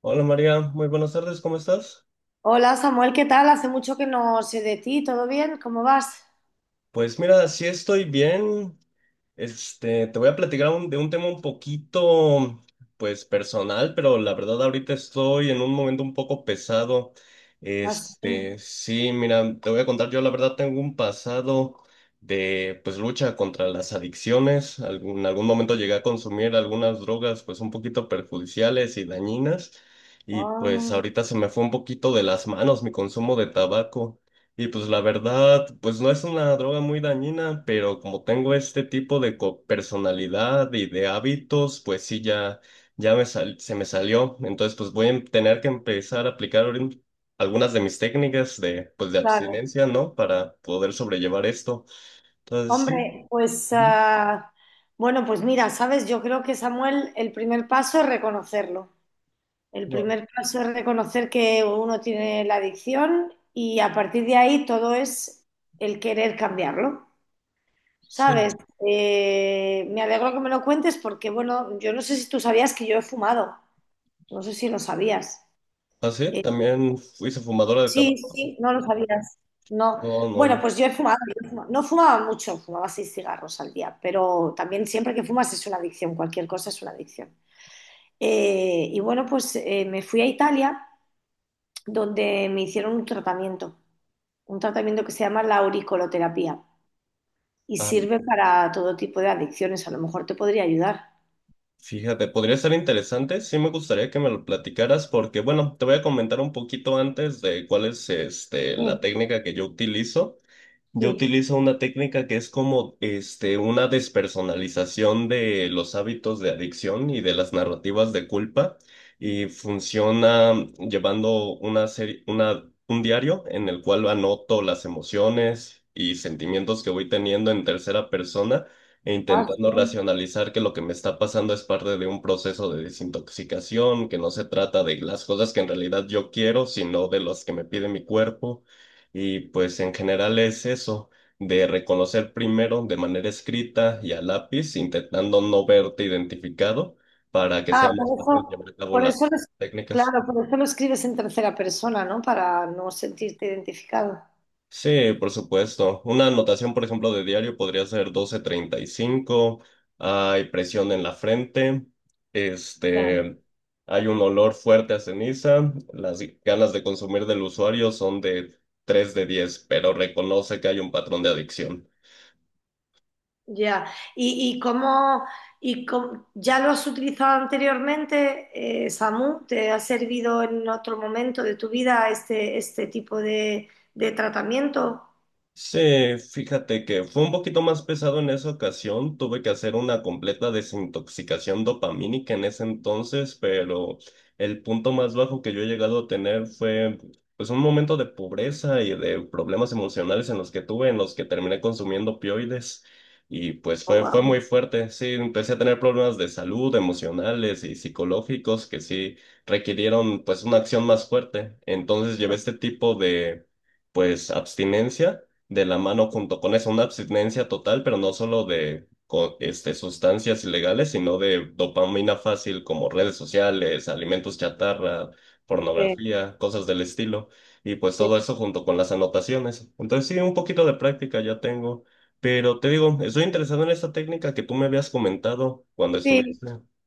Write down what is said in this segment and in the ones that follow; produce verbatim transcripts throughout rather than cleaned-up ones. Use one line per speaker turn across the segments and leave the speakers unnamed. Hola María, muy buenas tardes, ¿cómo estás?
Hola Samuel, ¿qué tal? Hace mucho que no sé de ti, ¿todo bien? ¿Cómo vas?
Pues mira, sí estoy bien. Este, te voy a platicar un- de un tema un poquito, pues personal, pero la verdad ahorita estoy en un momento un poco pesado. Este,
Así.
sí, mira, te voy a contar, yo la verdad tengo un pasado de, pues, lucha contra las adicciones. Algún- en algún momento llegué a consumir algunas drogas, pues, un poquito perjudiciales y dañinas. Y pues
Ah,
ahorita se me fue un poquito de las manos mi consumo de tabaco. Y pues la verdad, pues no es una droga muy dañina, pero como tengo este tipo de co- personalidad y de hábitos, pues sí, ya, ya me sal- se me salió. Entonces, pues voy a tener que empezar a aplicar ahorita algunas de mis técnicas de, pues, de
claro.
abstinencia, ¿no? Para poder sobrellevar esto. Entonces, sí.
Hombre, pues
Ujú.
ah, bueno, pues mira, sabes, yo creo que Samuel, el primer paso es reconocerlo. El
No,
primer paso es reconocer que uno tiene la adicción y a partir de ahí todo es el querer cambiarlo.
sí.
¿Sabes? Eh, me alegro que me lo cuentes porque, bueno, yo no sé si tú sabías que yo he fumado. No sé si lo sabías.
¿Ah, sí? ¿También fuiste fumadora de
Sí,
tabaco?
sí, no lo sabías. No.
No,
Bueno,
no.
pues yo he fumado, yo he fumado. No fumaba mucho, fumaba seis cigarros al día, pero también siempre que fumas es una adicción, cualquier cosa es una adicción. Eh, y bueno, pues eh, me fui a Italia donde me hicieron un tratamiento, un tratamiento que se llama la auricoloterapia y
Ah,
sirve para todo tipo de adicciones. A lo mejor te podría ayudar.
fíjate, podría ser interesante. Sí me gustaría que me lo platicaras porque, bueno, te voy a comentar un poquito antes de cuál es este,
Sí,
la técnica que yo utilizo. Yo
sí.
utilizo una técnica que es como este, una despersonalización de los hábitos de adicción y de las narrativas de culpa y funciona llevando una serie, una, un diario en el cual anoto las emociones y sentimientos que voy teniendo en tercera persona e
Ah,
intentando
sí.
racionalizar que lo que me está pasando es parte de un proceso de desintoxicación, que no se trata de las cosas que en realidad yo quiero, sino de las que me pide mi cuerpo. Y pues en general es eso, de reconocer primero de manera escrita y a lápiz, intentando no verte identificado para que
Ah,
sea
por
más fácil llevar
eso,
a cabo
por
las
eso lo es-
técnicas.
Claro, por eso lo escribes en tercera persona, ¿no? Para no sentirte identificado.
Sí, por supuesto. Una anotación, por ejemplo, de diario podría ser doce treinta y cinco. Hay presión en la frente,
Ya,
este, hay un olor fuerte a ceniza, las ganas de consumir del usuario son de tres de diez, pero reconoce que hay un patrón de adicción.
ya. ¿Y, y cómo, y cómo- ya lo has utilizado anteriormente, eh, Samu? ¿Te ha servido en otro momento de tu vida este, este tipo de, de tratamiento?
Sí, fíjate que fue un poquito más pesado en esa ocasión. Tuve que hacer una completa desintoxicación dopamínica en ese entonces, pero el punto más bajo que yo he llegado a tener fue pues un momento de pobreza y de problemas emocionales en los que tuve, en los que terminé consumiendo opioides y pues
Oh,
fue fue muy
wow.
fuerte. Sí, empecé a tener problemas de salud, emocionales y psicológicos que sí requirieron pues una acción más fuerte. Entonces llevé este tipo de pues abstinencia de la mano junto con eso, una abstinencia total, pero no solo de co- este, sustancias ilegales, sino de dopamina fácil como redes sociales, alimentos chatarra,
Sí,
pornografía, cosas del estilo, y pues todo
sí.
eso junto con las anotaciones. Entonces sí, un poquito de práctica ya tengo, pero te digo, estoy interesado en esta técnica que tú me habías comentado cuando
Sí,
estuviste.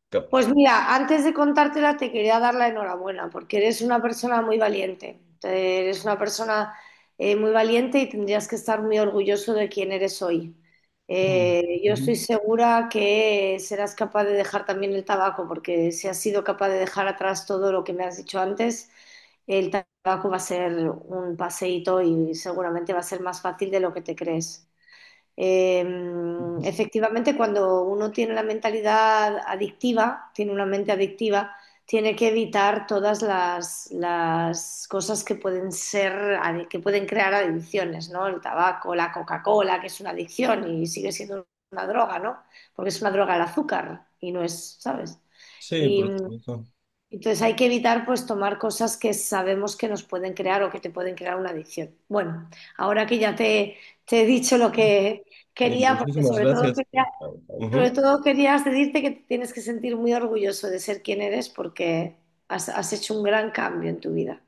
cap-
pues mira, antes de contártela te quería dar la enhorabuena porque eres una persona muy valiente. Te- Eres una persona eh, muy valiente y tendrías que estar muy orgulloso de quién eres hoy.
Ah,
Eh, yo
ujú.
estoy segura que serás capaz de dejar también el tabaco porque si has sido capaz de dejar atrás todo lo que me has dicho antes, el tabaco va a ser un paseíto y seguramente va a ser más fácil de lo que te crees. Eh, Efectivamente, cuando uno tiene la mentalidad adictiva, tiene una mente adictiva, tiene que evitar todas las, las cosas que pueden ser, que pueden crear adicciones, ¿no? El tabaco, la Coca-Cola, que es una adicción y sigue siendo una droga, ¿no? Porque es una droga el azúcar y no es, ¿sabes?
Sí,
Y
por supuesto.
entonces hay que evitar pues tomar cosas que sabemos que nos pueden crear o que te pueden crear una adicción. Bueno, ahora que ya te, te he dicho lo que
Y
quería, porque
muchísimas
sobre todo
gracias.
quería, sobre
Ujú.
todo quería decirte que te tienes que sentir muy orgulloso de ser quien eres porque has, has hecho un gran cambio en tu vida.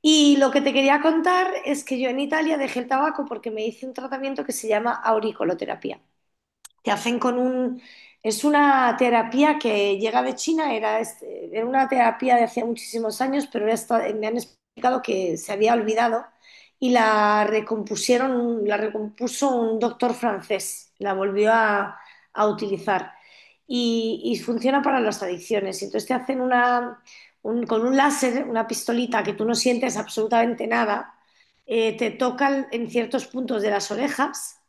Y lo que te quería contar es que yo en Italia dejé el tabaco porque me hice un tratamiento que se llama auriculoterapia. Te hacen con un… Es una terapia que llega de China, era, este- era una terapia de hacía muchísimos años, pero era esta- me han explicado que se había olvidado y la recompusieron, la recompuso un doctor francés, la volvió a, a utilizar y, y funciona para las adicciones. Y entonces te hacen una, un- con un láser, una pistolita que tú no sientes absolutamente nada, eh, te tocan en ciertos puntos de las orejas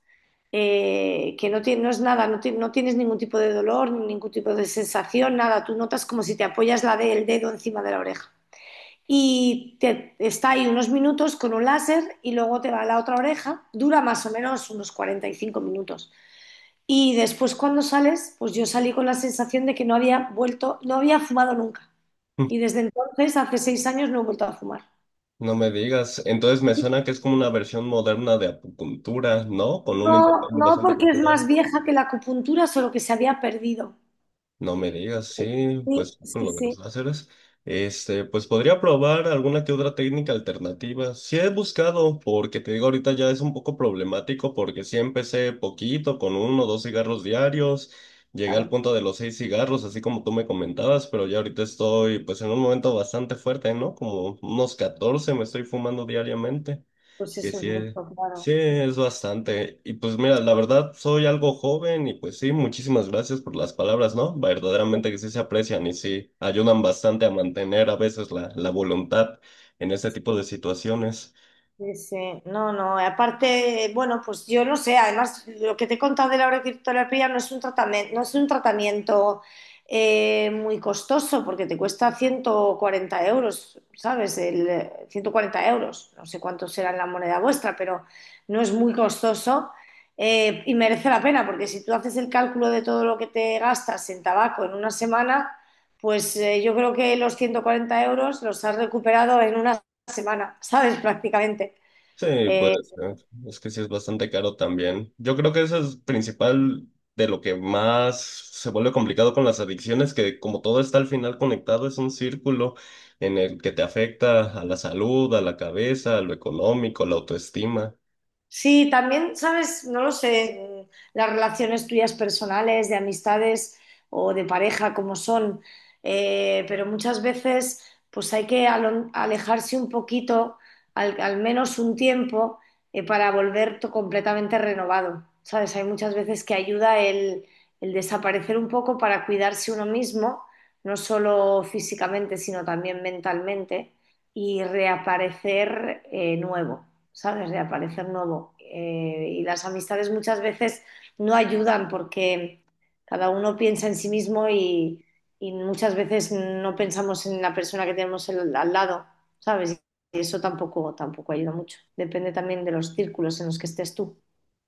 eh, que no, tiene- no es nada, no, ti- no tienes ningún tipo de dolor, ningún tipo de sensación, nada. Tú notas como si te apoyas la de, el dedo encima de la oreja. Y te, está ahí unos minutos con un láser y luego te va a la otra oreja. Dura más o menos unos cuarenta y cinco minutos. Y después cuando sales, pues yo salí con la sensación de que no había vuelto, no había fumado nunca. Y desde entonces, hace seis años, no he vuelto a fumar.
No me digas. Entonces me suena que es como una versión moderna de acupuntura, ¿no? Con un
No,
intercambio
no
bastante
porque es más
cultural.
vieja que la acupuntura, solo que se había perdido.
No me digas, sí,
Sí,
pues con
sí,
lo de los
sí,
láseres. Este, pues podría probar alguna que otra técnica alternativa. Sí he buscado, porque te digo, ahorita ya es un poco problemático, porque sí empecé poquito, con uno o dos cigarros diarios. Llegué al
claro.
punto de los seis cigarros, así como tú me comentabas, pero ya ahorita estoy, pues en un momento bastante fuerte, ¿no? Como unos catorce me estoy fumando diariamente.
Pues
Que
eso es
sí
mucho,
es,
claro.
sí es bastante. Y pues mira, la verdad soy algo joven y pues sí, muchísimas gracias por las palabras, ¿no?
Sí,
Verdaderamente que sí se aprecian y sí ayudan bastante a mantener a veces la, la voluntad en este tipo de situaciones.
sí, sí. No, no. Aparte, bueno, pues yo no sé. Además, lo que te he contado de la auriculoterapia no es un tratamiento, no es un tratamiento eh, muy costoso porque te cuesta ciento cuarenta euros, ¿sabes? El, eh, ciento cuarenta euros. No sé cuánto será en la moneda vuestra, pero no es muy costoso eh, y merece la pena porque si tú haces el cálculo de todo lo que te gastas en tabaco en una semana, pues eh, yo creo que los ciento cuarenta euros los has recuperado en una semana, ¿sabes? Prácticamente.
Sí,
Eh,
puede ser. Es que sí es bastante caro también. Yo creo que eso es principal de lo que más se vuelve complicado con las adicciones, que como todo está al final conectado, es un círculo en el que te afecta a la salud, a la cabeza, a lo económico, a la autoestima.
Sí, también, sabes, no lo sé, mm, las relaciones tuyas personales, de amistades o de pareja, como son, eh, pero muchas veces pues hay que alo- alejarse un poquito, al, al menos un tiempo, eh, para volver to- completamente renovado. Sabes, hay muchas veces que ayuda el, el desaparecer un poco para cuidarse uno mismo, no solo físicamente, sino también mentalmente, y reaparecer eh, nuevo. ¿Sabes? De aparecer nuevo. Eh, y las amistades muchas veces no ayudan porque cada uno piensa en sí mismo y, y muchas veces no pensamos en la persona que tenemos el- al lado, ¿sabes? Y eso tampoco, tampoco ayuda mucho. Depende también de los círculos en los que estés tú.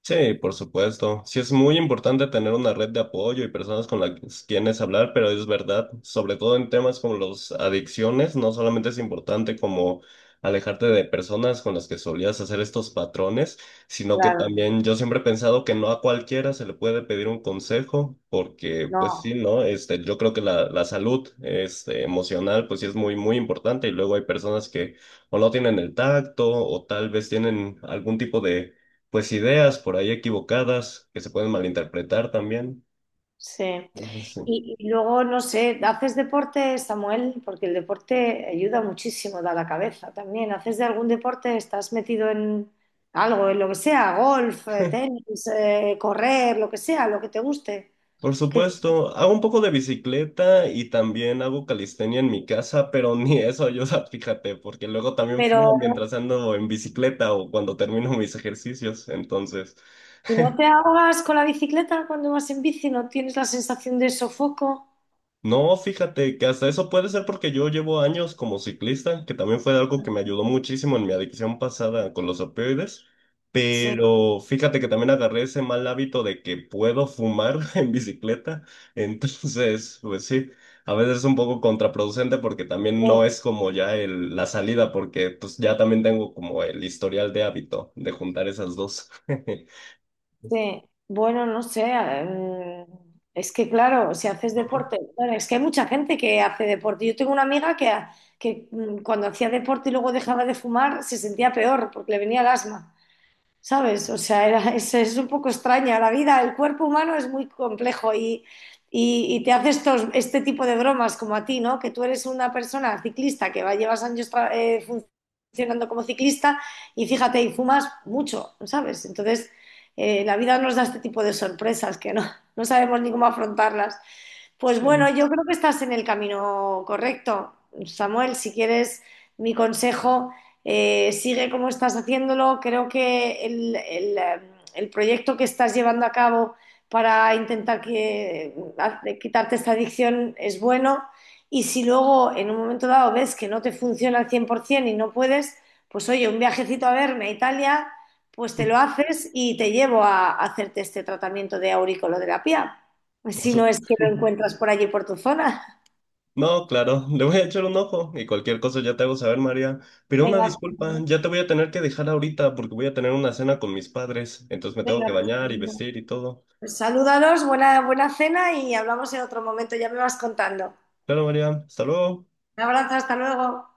Sí, por supuesto. Sí, es muy importante tener una red de apoyo y personas con las quienes hablar, pero es verdad, sobre todo en temas como las adicciones, no solamente es importante como alejarte de personas con las que solías hacer estos patrones, sino que
Claro,
también yo siempre he pensado que no a cualquiera se le puede pedir un consejo, porque pues sí,
no.
¿no? Este, yo creo que la, la salud, este, emocional, pues sí es muy, muy importante y luego hay personas que o no tienen el tacto o tal vez tienen algún tipo de pues ideas por ahí equivocadas que se pueden malinterpretar también.
Sí.
Entonces, sí.
Y, y luego, no sé, ¿haces deporte, Samuel? Porque el deporte ayuda muchísimo, da la cabeza también. ¿Haces de algún deporte? ¿Estás metido en algo, en lo que sea, golf, eh, tenis, eh, correr, lo que sea, lo que te guste?
Por
Que-
supuesto, hago un poco de bicicleta y también hago calistenia en mi casa, pero ni eso ayuda, fíjate, porque luego también fumo
pero
mientras ando en bicicleta o cuando termino mis ejercicios. Entonces,
si no te ahogas con la bicicleta cuando vas en bici, no tienes la sensación de sofoco.
no, fíjate que hasta eso puede ser porque yo llevo años como ciclista, que también fue algo que me ayudó muchísimo en mi adicción pasada con los opioides,
Sí.
pero fíjate que también agarré ese mal hábito de que puedo fumar en bicicleta, entonces, pues sí, a veces es un poco contraproducente porque también no es como ya el, la salida, porque pues ya también tengo como el historial de hábito de juntar esas dos.
Sí, bueno, no sé, eh, mm, es que claro, si haces deporte, claro, es que hay mucha gente que hace deporte. Yo tengo una amiga que, ha- que mm, cuando hacía deporte y luego dejaba de fumar se sentía peor porque le venía el asma. ¿Sabes? O sea, era- es, es un poco extraña la vida. El cuerpo humano es muy complejo y, y- y te hace estos, este tipo de bromas como a ti, ¿no? Que tú eres una persona ciclista que va, llevas años tra- eh, fun- funcionando como ciclista y fíjate, y fumas mucho, ¿sabes? Entonces, eh, la vida nos da este tipo de sorpresas que no, no sabemos ni cómo afrontarlas. Pues bueno,
Sí,
yo creo que estás en el camino correcto. Samuel, si quieres mi consejo, eh, sigue como estás haciéndolo. Creo que el, el, eh, el proyecto que estás llevando a cabo para intentar que, ha- quitarte esta adicción es bueno. Y si luego en un momento dado ves que no te funciona al cien por ciento y no puedes, pues oye, un viajecito a verme a Italia, pues te lo haces y te llevo a, a hacerte este tratamiento de auriculoterapia. Pues
por
si no
eso.
es que lo encuentras por allí, por tu zona.
No, claro, le voy a echar un ojo y cualquier cosa ya te hago saber, María. Pero una
Venga,
disculpa, ya te voy a tener que dejar ahorita porque voy a tener una cena con mis padres, entonces me tengo que
venga, pues,
bañar y vestir y todo.
pues salúdalos, buena, buena cena y hablamos en otro momento, ya me vas contando.
Claro, María, hasta luego.
Un abrazo, hasta luego.